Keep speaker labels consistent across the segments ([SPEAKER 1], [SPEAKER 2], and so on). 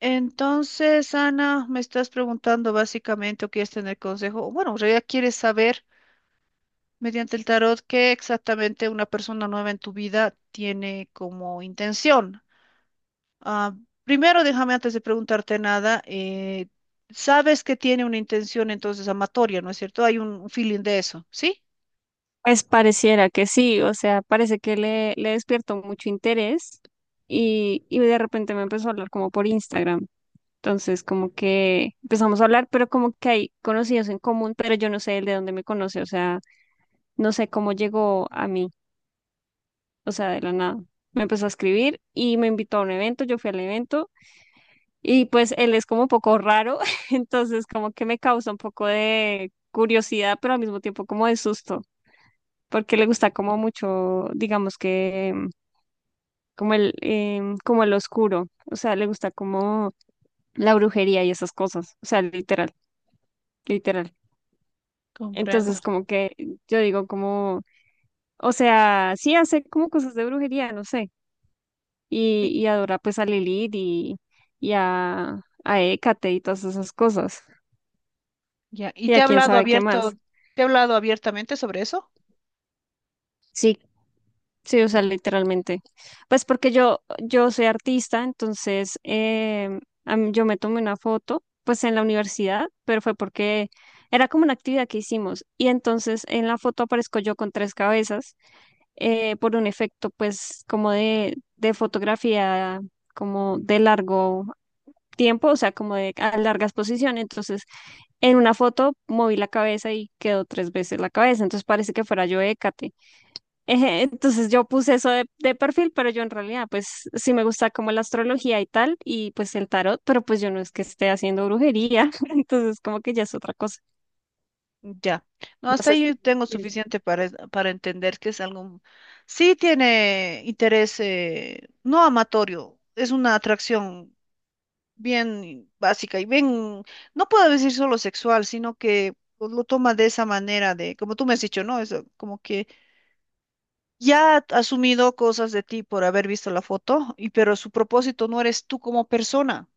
[SPEAKER 1] Entonces, Ana, me estás preguntando básicamente o quieres tener consejo. O Bueno, en realidad quieres saber mediante el tarot qué exactamente una persona nueva en tu vida tiene como intención. Ah, primero, déjame antes de preguntarte nada, sabes que tiene una intención entonces amatoria, ¿no es cierto? Hay un feeling de eso, ¿sí?
[SPEAKER 2] Pues pareciera que sí, o sea, parece que le despierto mucho interés y de repente me empezó a hablar como por Instagram. Entonces, como que empezamos a hablar, pero como que hay conocidos en común, pero yo no sé él de dónde me conoce, o sea, no sé cómo llegó a mí, o sea, de la nada. Me empezó a escribir y me invitó a un evento, yo fui al evento y pues él es como un poco raro, entonces como que me causa un poco de curiosidad, pero al mismo tiempo como de susto porque le gusta como mucho, digamos que como el, como el oscuro, o sea, le gusta como la brujería y esas cosas, o sea, literal, literal.
[SPEAKER 1] Comprendo.
[SPEAKER 2] Entonces, como que yo digo como, o sea, sí hace como cosas de brujería, no sé, y adora pues a Lilith y a Hécate y todas esas cosas,
[SPEAKER 1] Ya, ¿y
[SPEAKER 2] y a quién sabe qué más.
[SPEAKER 1] te ha hablado abiertamente sobre eso?
[SPEAKER 2] Sí, sí, o sea, literalmente. Pues porque yo soy artista, entonces a mí- yo me tomé una foto, pues en la universidad, pero fue porque era como una actividad que hicimos. Y entonces en la foto aparezco yo con tres cabezas por un efecto, pues como de fotografía, como de largo tiempo, o sea, como de a larga exposición. Entonces en una foto moví la cabeza y quedó tres veces la cabeza, entonces parece que fuera yo Hécate. Eje, entonces yo puse eso de perfil, pero yo en realidad pues sí me gusta como la astrología y tal, y pues el tarot, pero pues yo no es que esté haciendo brujería, entonces como que ya es otra cosa.
[SPEAKER 1] Ya. No,
[SPEAKER 2] No
[SPEAKER 1] hasta
[SPEAKER 2] sé
[SPEAKER 1] ahí
[SPEAKER 2] si
[SPEAKER 1] yo tengo
[SPEAKER 2] es
[SPEAKER 1] suficiente para entender que es algo, sí tiene interés, no amatorio, es una atracción bien básica y bien, no puedo decir solo sexual, sino que pues, lo toma de esa manera de, como tú me has dicho, ¿no? Es como que ya ha asumido cosas de ti por haber visto la foto, y pero su propósito no eres tú como persona.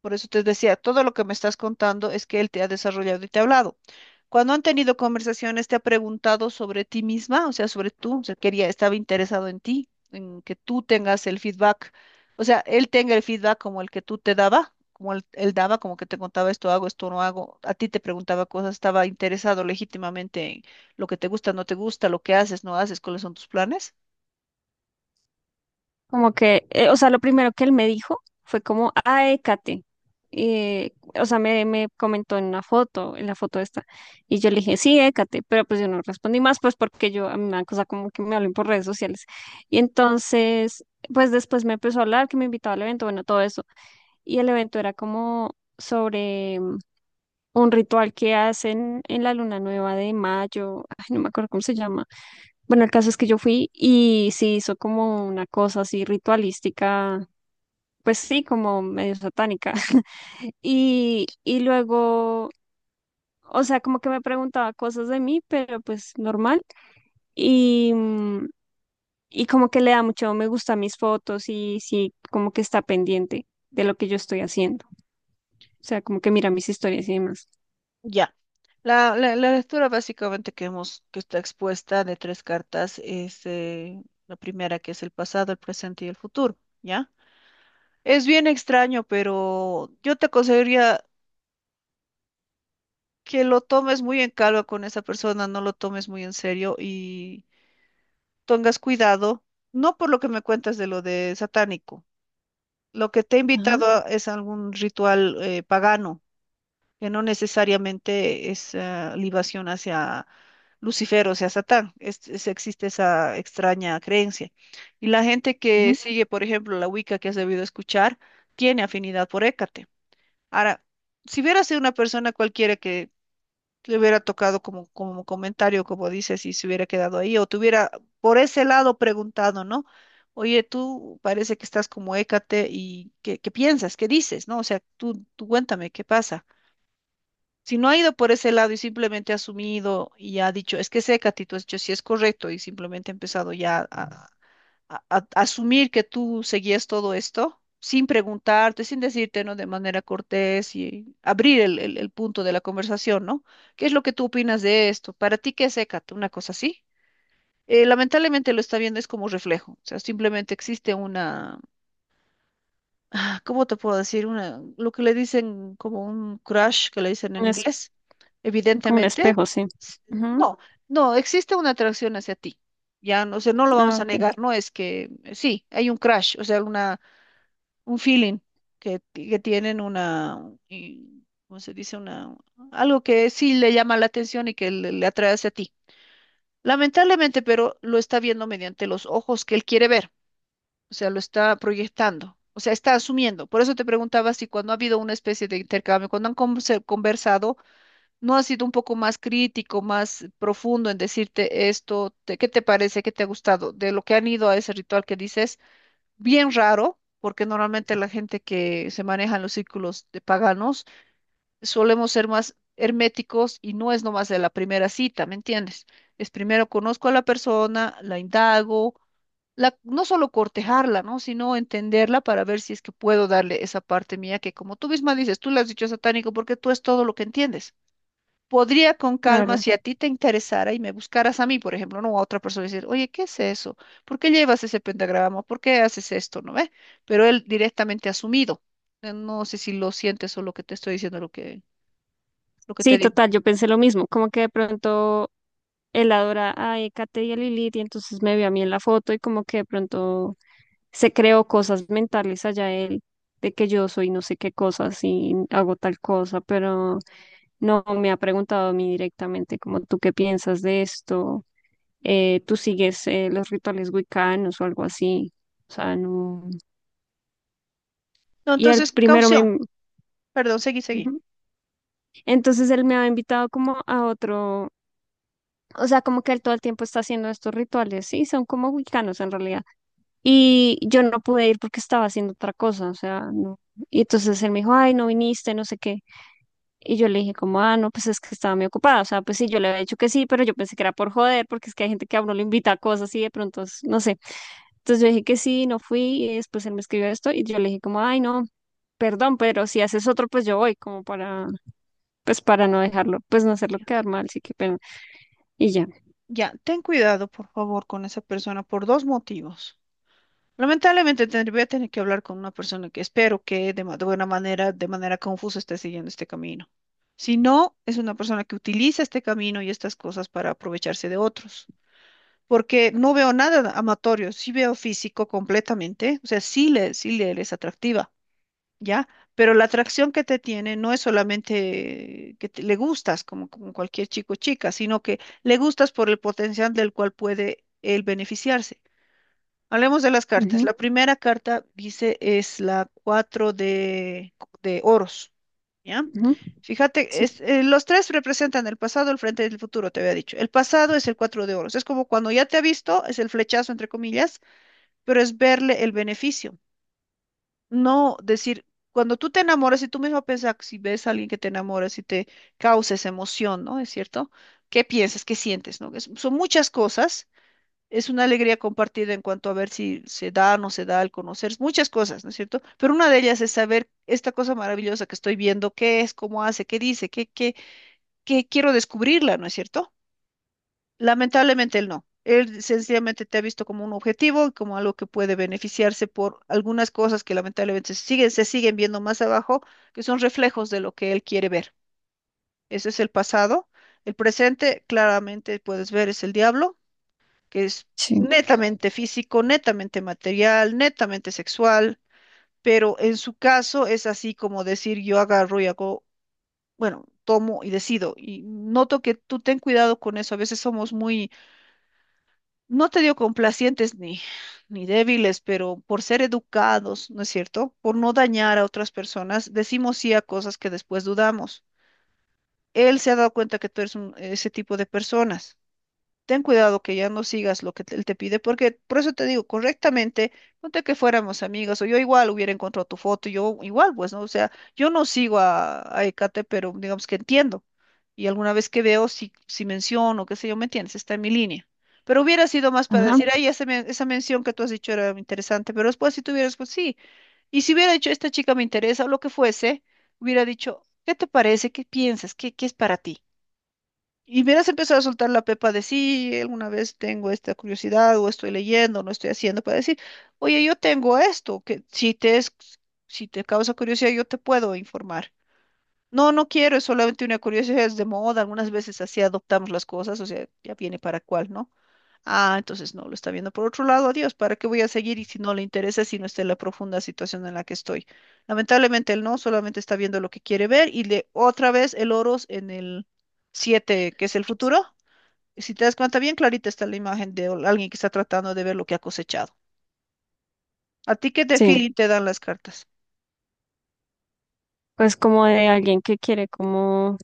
[SPEAKER 1] Por eso te decía, todo lo que me estás contando es que él te ha desarrollado y te ha hablado. Cuando han tenido conversaciones, te ha preguntado sobre ti misma, o sea, sobre tú, o sea, quería, estaba interesado en ti, en que tú tengas el feedback, o sea, él tenga el feedback como el que tú te daba, como él daba, como que te contaba esto hago, esto no hago, a ti te preguntaba cosas, estaba interesado legítimamente en lo que te gusta, no te gusta, lo que haces, no haces, cuáles son tus planes.
[SPEAKER 2] como que, o sea, lo primero que él me dijo fue como, ay, Kate, eh, o sea, me comentó en una foto, en la foto esta, y yo le dije, sí, Écate, pero pues yo no respondí más, pues porque yo, a mí me da cosa como que me hablen por redes sociales. Y entonces, pues después me empezó a hablar, que me invitaba al evento, bueno, todo eso. Y el evento era como sobre un ritual que hacen en la luna nueva de mayo, ay, no me acuerdo cómo se llama. Bueno, el caso es que yo fui y se hizo como una cosa así ritualística, pues sí, como medio satánica. Y, y luego, o sea, como que me preguntaba cosas de mí, pero pues normal. Y, y como que le da mucho me gusta a mis fotos y sí, como que está pendiente de lo que yo estoy haciendo. O sea, como que mira mis historias y demás.
[SPEAKER 1] Ya. La lectura básicamente que está expuesta de tres cartas es la primera que es el pasado, el presente y el futuro, ¿ya? Es bien extraño, pero yo te aconsejaría que lo tomes muy en calma con esa persona, no lo tomes muy en serio y tengas cuidado, no por lo que me cuentas de lo de satánico, lo que te he
[SPEAKER 2] Ajá.
[SPEAKER 1] invitado es algún ritual pagano, que no necesariamente es libación hacia Lucifer o sea Satán. Existe esa extraña creencia. Y la gente que
[SPEAKER 2] Ujú.
[SPEAKER 1] sigue, por ejemplo, la Wicca que has debido escuchar, tiene afinidad por Hécate. Ahora, si hubiera sido una persona cualquiera que te hubiera tocado como, como comentario, como dices, y se hubiera quedado ahí, o te hubiera por ese lado preguntado, ¿no? Oye, tú parece que estás como Hécate y ¿qué, qué piensas? ¿Qué dices? ¿No? O sea, tú cuéntame, ¿qué pasa? Si no ha ido por ese lado y simplemente ha asumido y ha dicho, es que seca, tú has dicho, sí es correcto, y simplemente ha empezado ya a, a asumir que tú seguías todo esto, sin preguntarte, sin decirte, ¿no? De manera cortés y abrir el punto de la conversación, ¿no? ¿Qué es lo que tú opinas de esto? ¿Para ti qué es Hécate? Una cosa así. Lamentablemente lo está viendo es como reflejo, o sea, simplemente existe una, ah, ¿cómo te puedo decir? Una, lo que le dicen como un crush, que le dicen en
[SPEAKER 2] Un es-
[SPEAKER 1] inglés.
[SPEAKER 2] como un
[SPEAKER 1] Evidentemente,
[SPEAKER 2] espejo, sí.
[SPEAKER 1] s-
[SPEAKER 2] Ujú.
[SPEAKER 1] no, no, existe una atracción hacia ti. Ya, no, o sea, no lo
[SPEAKER 2] Ah,
[SPEAKER 1] vamos a
[SPEAKER 2] ok,
[SPEAKER 1] negar, no es que sí, hay un crush, o sea, una, un feeling que tienen una, ¿cómo se dice? Una, algo que sí le llama la atención y que le atrae hacia ti. Lamentablemente, pero lo está viendo mediante los ojos que él quiere ver, o sea, lo está proyectando, o sea, está asumiendo. Por eso te preguntaba si cuando ha habido una especie de intercambio, cuando han conversado, no ha sido un poco más crítico, más profundo en decirte esto, qué te parece, qué te ha gustado, de lo que han ido a ese ritual que dices, bien raro. Porque normalmente la gente que se maneja en los círculos de paganos solemos ser más herméticos y no es nomás de la primera cita, ¿me entiendes? Es primero conozco a la persona, la indago, la, no solo cortejarla, ¿no? Sino entenderla para ver si es que puedo darle esa parte mía que como tú misma dices, tú le has dicho satánico porque tú es todo lo que entiendes. Podría con calma,
[SPEAKER 2] claro.
[SPEAKER 1] si a ti te interesara y me buscaras a mí, por ejemplo, no a otra persona, decir, oye, ¿qué es eso? ¿Por qué llevas ese pentagrama? ¿Por qué haces esto? ¿No ve? Pero él directamente ha asumido. No sé si lo sientes o lo que te estoy diciendo, lo que te
[SPEAKER 2] Sí,
[SPEAKER 1] digo.
[SPEAKER 2] total, yo pensé lo mismo, como que de pronto él adora a Ecate y a Lilith y entonces me vio a mí en la foto y como que de pronto se creó cosas mentales allá él de que yo soy no sé qué cosas y hago tal cosa, pero no me ha preguntado a mí directamente como tú qué piensas de esto, tú sigues los rituales wiccanos o algo así, o sea, no.
[SPEAKER 1] No,
[SPEAKER 2] Y el
[SPEAKER 1] entonces,
[SPEAKER 2] primero me...
[SPEAKER 1] caución.
[SPEAKER 2] in-
[SPEAKER 1] Perdón, seguí, seguí.
[SPEAKER 2] Ujú. Entonces él me ha invitado como a otro, o sea, como que él todo el tiempo está haciendo estos rituales, sí, son como wiccanos en realidad. Y yo no pude ir porque estaba haciendo otra cosa, o sea, no. Y entonces él me dijo, ay, no viniste, no sé qué. Y yo le dije como, ah, no, pues es que estaba muy ocupada. O sea, pues sí, yo le había dicho que sí, pero yo pensé que era por joder, porque es que hay gente que a uno le invita a cosas y de pronto, es- no sé. Entonces yo dije que sí, no fui y después él me escribió esto y yo le dije como, ay, no, perdón, pero si haces otro, pues yo voy, como para, pues para no dejarlo, pues no hacerlo quedar mal, sí, qué pena. Y ya.
[SPEAKER 1] Ya, ten cuidado, por favor, con esa persona por dos motivos. Lamentablemente voy a tener que hablar con una persona que espero que de buena manera, de manera confusa, esté siguiendo este camino. Si no, es una persona que utiliza este camino y estas cosas para aprovecharse de otros. Porque no veo nada amatorio, sí veo físico completamente, o sea, sí le es atractiva, ¿ya? Pero la atracción que te tiene no es solamente que le gustas como, como cualquier chico o chica, sino que le gustas por el potencial del cual puede él beneficiarse. Hablemos de las cartas.
[SPEAKER 2] Ujú,
[SPEAKER 1] La primera carta, dice, es la 4 de oros, ¿ya?
[SPEAKER 2] ujú,
[SPEAKER 1] Fíjate,
[SPEAKER 2] sí,
[SPEAKER 1] es, los tres representan el pasado, el frente y el futuro, te había dicho. El pasado es el 4 de oros. Es como cuando ya te ha visto, es el flechazo, entre comillas, pero es verle el beneficio. No decir, cuando tú te enamoras y tú mismo piensas, si ves a alguien que te enamoras y te causa esa emoción, ¿no? ¿Es cierto? ¿Qué piensas? ¿Qué sientes? ¿No? Es son muchas cosas, es una alegría compartida en cuanto a ver si se da o no se da al conocer muchas cosas, ¿no es cierto? Pero una de ellas es saber esta cosa maravillosa que estoy viendo, qué es, cómo hace, qué dice, qué, qué, qué quiero descubrirla, ¿no es cierto? Lamentablemente él no. Él sencillamente te ha visto como un objetivo, como algo que puede beneficiarse por algunas cosas que lamentablemente se siguen viendo más abajo, que son reflejos de lo que él quiere ver. Ese es el pasado. El presente, claramente puedes ver, es el diablo, que es
[SPEAKER 2] sí,
[SPEAKER 1] netamente físico, netamente material, netamente sexual, pero en su caso es así como decir yo agarro y hago, bueno, tomo y decido. Y noto que tú ten cuidado con eso, a veces somos muy, no te digo complacientes ni, ni débiles, pero por ser educados, ¿no es cierto? Por no dañar a otras personas, decimos sí a cosas que después dudamos. Él se ha dado cuenta que tú eres ese tipo de personas. Ten cuidado que ya no sigas lo que él te pide, porque por eso te digo, correctamente, ponte que fuéramos amigas, o yo igual hubiera encontrado tu foto, yo igual, pues, ¿no? O sea, yo no sigo a Ecate, pero digamos que entiendo. Y alguna vez que veo, si menciono, qué sé yo, ¿me entiendes? Está en mi línea. Pero hubiera sido más para
[SPEAKER 2] ajá,
[SPEAKER 1] decir, ay, esa mención que tú has dicho era interesante, pero después si tuvieras, pues sí. Y si hubiera dicho, esta chica me interesa, o lo que fuese, hubiera dicho, ¿qué te parece? ¿Qué piensas? ¿Qué, qué es para ti? Y verás empezar a soltar la pepa de sí, alguna vez tengo esta curiosidad, o estoy leyendo, o no estoy haciendo, para decir, oye, yo tengo esto, que si te es, si te causa curiosidad, yo te puedo informar. No, no quiero, es solamente una curiosidad, es de moda, algunas veces así adoptamos las cosas, o sea, ya viene para cuál, ¿no? Ah, entonces no, lo está viendo por otro lado, adiós, ¿para qué voy a seguir? Y si no le interesa, si no está en la profunda situación en la que estoy. Lamentablemente él no, solamente está viendo lo que quiere ver y le otra vez el oros en el 7 que es el futuro. Si te das cuenta, bien clarita está la imagen de alguien que está tratando de ver lo que ha cosechado. ¿A ti qué te
[SPEAKER 2] sí.
[SPEAKER 1] feeling te dan las cartas?
[SPEAKER 2] Pues como de alguien que quiere como,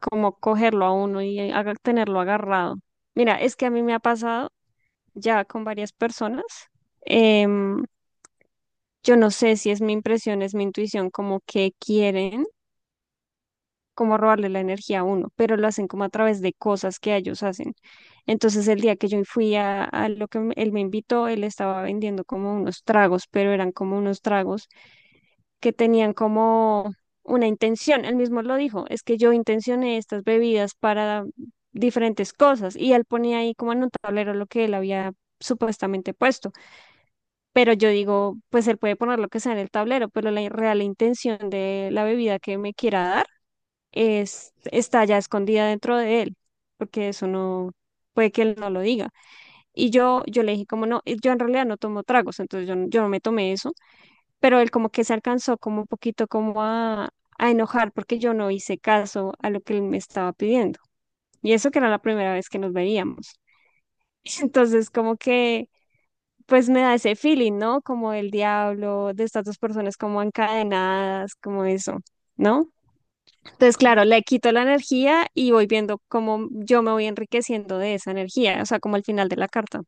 [SPEAKER 2] como cogerlo a uno y haga- tenerlo agarrado. Mira, es que a mí me ha pasado ya con varias personas. em, yo no sé si es mi impresión, es mi intuición, como que quieren como robarle la energía a uno, pero lo hacen como a través de cosas que ellos hacen. Entonces el día que yo fui a lo que me- él me invitó, él estaba vendiendo como unos tragos, pero eran como unos tragos que tenían como una intención. Él mismo lo dijo, es que yo intencioné estas bebidas para diferentes cosas y él ponía ahí como en un tablero lo que él había supuestamente puesto. Pero yo digo, pues él puede poner lo que sea en el tablero, pero la real intención de la bebida que me quiera dar es, está ya escondida dentro de él, porque eso no, puede que él no lo diga. Y yo le dije como no, yo en realidad no tomo tragos, entonces yo, no- yo no me tomé eso, pero él como que se alcanzó como un poquito como a enojar porque yo no hice caso a lo que él me estaba pidiendo. Y eso que era la primera vez que nos veíamos. Entonces como que pues me da ese feeling, ¿no? Como el diablo, de estas dos personas como encadenadas, como eso, ¿no? Entonces,
[SPEAKER 1] Corre-
[SPEAKER 2] claro, le quito la energía y voy viendo cómo yo me voy enriqueciendo de esa energía, o sea, como al final de la carta.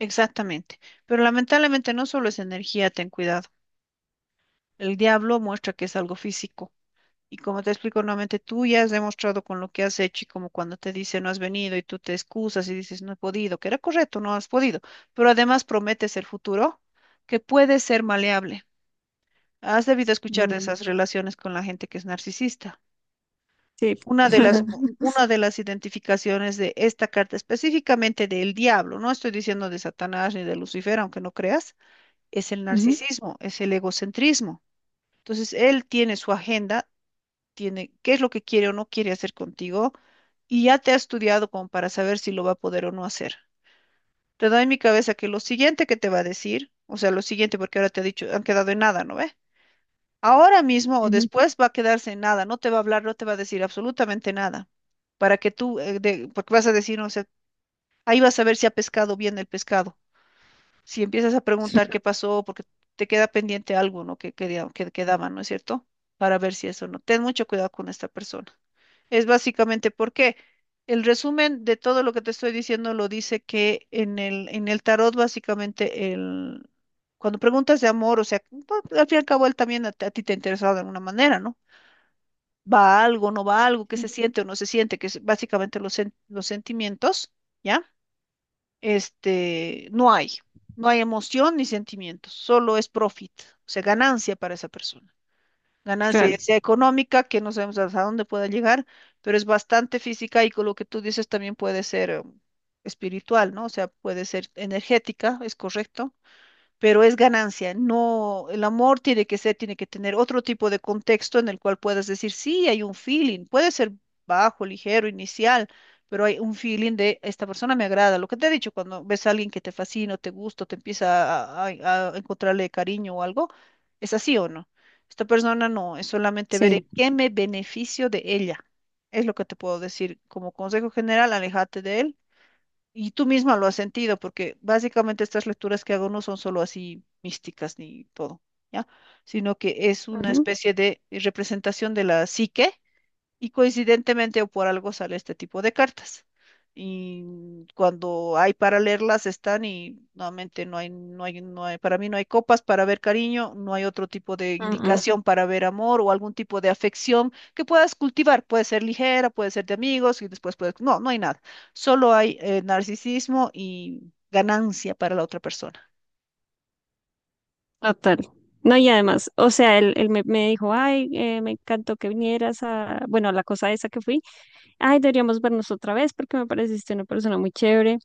[SPEAKER 1] Exactamente. Pero lamentablemente no solo es energía, ten cuidado. El diablo muestra que es algo físico. Y como te explico nuevamente, tú ya has demostrado con lo que has hecho y como cuando te dice no has venido y tú te excusas y dices no he podido, que era correcto, no has podido. Pero además prometes el futuro que puede ser maleable. Has debido escuchar de
[SPEAKER 2] Mm,
[SPEAKER 1] esas relaciones con la gente que es narcisista.
[SPEAKER 2] sí.
[SPEAKER 1] Una de las, una de las identificaciones de esta carta, específicamente del diablo, no estoy diciendo de Satanás ni de Lucifer, aunque no creas, es el
[SPEAKER 2] Ujú,
[SPEAKER 1] narcisismo, es el egocentrismo. Entonces, él tiene su agenda, tiene qué es lo que quiere o no quiere hacer contigo, y ya te ha estudiado como para saber si lo va a poder o no hacer. Te doy en mi cabeza que lo siguiente que te va a decir, o sea, lo siguiente, porque ahora te ha dicho, han quedado en nada, ¿no ve? Ahora mismo o
[SPEAKER 2] ujú,
[SPEAKER 1] después va a quedarse en nada, no te va a hablar, no te va a decir absolutamente nada, para que tú, porque vas a decir, no sé, ahí vas a ver si ha pescado bien el pescado. Si empiezas a preguntar qué pasó, porque te queda pendiente algo, ¿no? Que quedaba, ¿no es cierto? Para ver si eso no. Ten mucho cuidado con esta persona. Es básicamente porque el resumen de todo lo que te estoy diciendo lo dice que en el tarot, básicamente, cuando preguntas de amor, o sea, al fin y al cabo él también a ti te ha interesado de alguna manera, ¿no? Va algo, no va algo, qué se
[SPEAKER 2] sí,
[SPEAKER 1] siente o no se siente, que es básicamente los sentimientos, ¿ya? Este, no hay, no hay emoción ni sentimientos, solo es profit, o sea, ganancia para esa persona, ganancia
[SPEAKER 2] claro,
[SPEAKER 1] ya sea económica, que no sabemos hasta dónde pueda llegar, pero es bastante física y con lo que tú dices también puede ser espiritual, ¿no? O sea, puede ser energética, es correcto, pero es ganancia. No, el amor tiene que ser, tiene que tener otro tipo de contexto en el cual puedas decir, sí, hay un feeling, puede ser bajo, ligero, inicial, pero hay un feeling de esta persona me agrada. Lo que te he dicho, cuando ves a alguien que te fascina, o te gusta, o te empieza a encontrarle cariño o algo, ¿es así o no? Esta persona no, es solamente ver en
[SPEAKER 2] sí.
[SPEAKER 1] qué me beneficio de ella. Es lo que te puedo decir. Como consejo general, aléjate de él y tú misma lo has sentido, porque básicamente estas lecturas que hago no son solo así místicas ni todo, ¿ya? Sino que es una
[SPEAKER 2] Ujú.
[SPEAKER 1] especie de representación de la psique y coincidentemente o por algo sale este tipo de cartas. Y cuando hay para leerlas están y nuevamente no hay, para mí no hay copas para ver cariño, no hay otro tipo de Ujú,
[SPEAKER 2] Mm,
[SPEAKER 1] indicación para ver amor o algún tipo de afección que puedas cultivar. Puede ser ligera, puede ser de amigos y después puedes, no, no hay nada. Solo hay narcisismo y ganancia para la otra persona.
[SPEAKER 2] total. No, y además, o sea, él, él me dijo, ay, me encantó que vinieras a, bueno, a la cosa esa que fui, ay, deberíamos vernos otra vez porque me pareciste una persona muy chévere.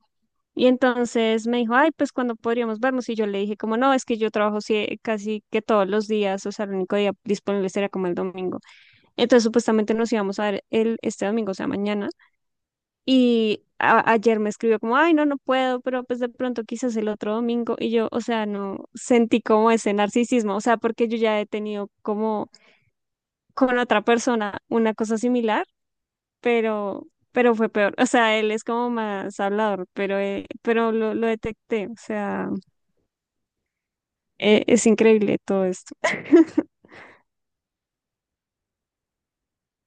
[SPEAKER 2] Y entonces me dijo, ay, pues cuando podríamos vernos. Y yo le dije, como no, es que yo trabajo sie- casi que todos los días, o sea, el único día disponible sería como el domingo. Entonces, supuestamente nos íbamos a ver el, este domingo, o sea, mañana. Y a- ayer me escribió como, ay, no, no puedo, pero pues de pronto quizás el otro domingo. Y yo, o sea, no sentí como ese narcisismo, o sea, porque yo ya he tenido como con otra persona una cosa similar, pero fue peor. O sea, él es como más hablador, pero lo detecté. O sea, es increíble todo esto.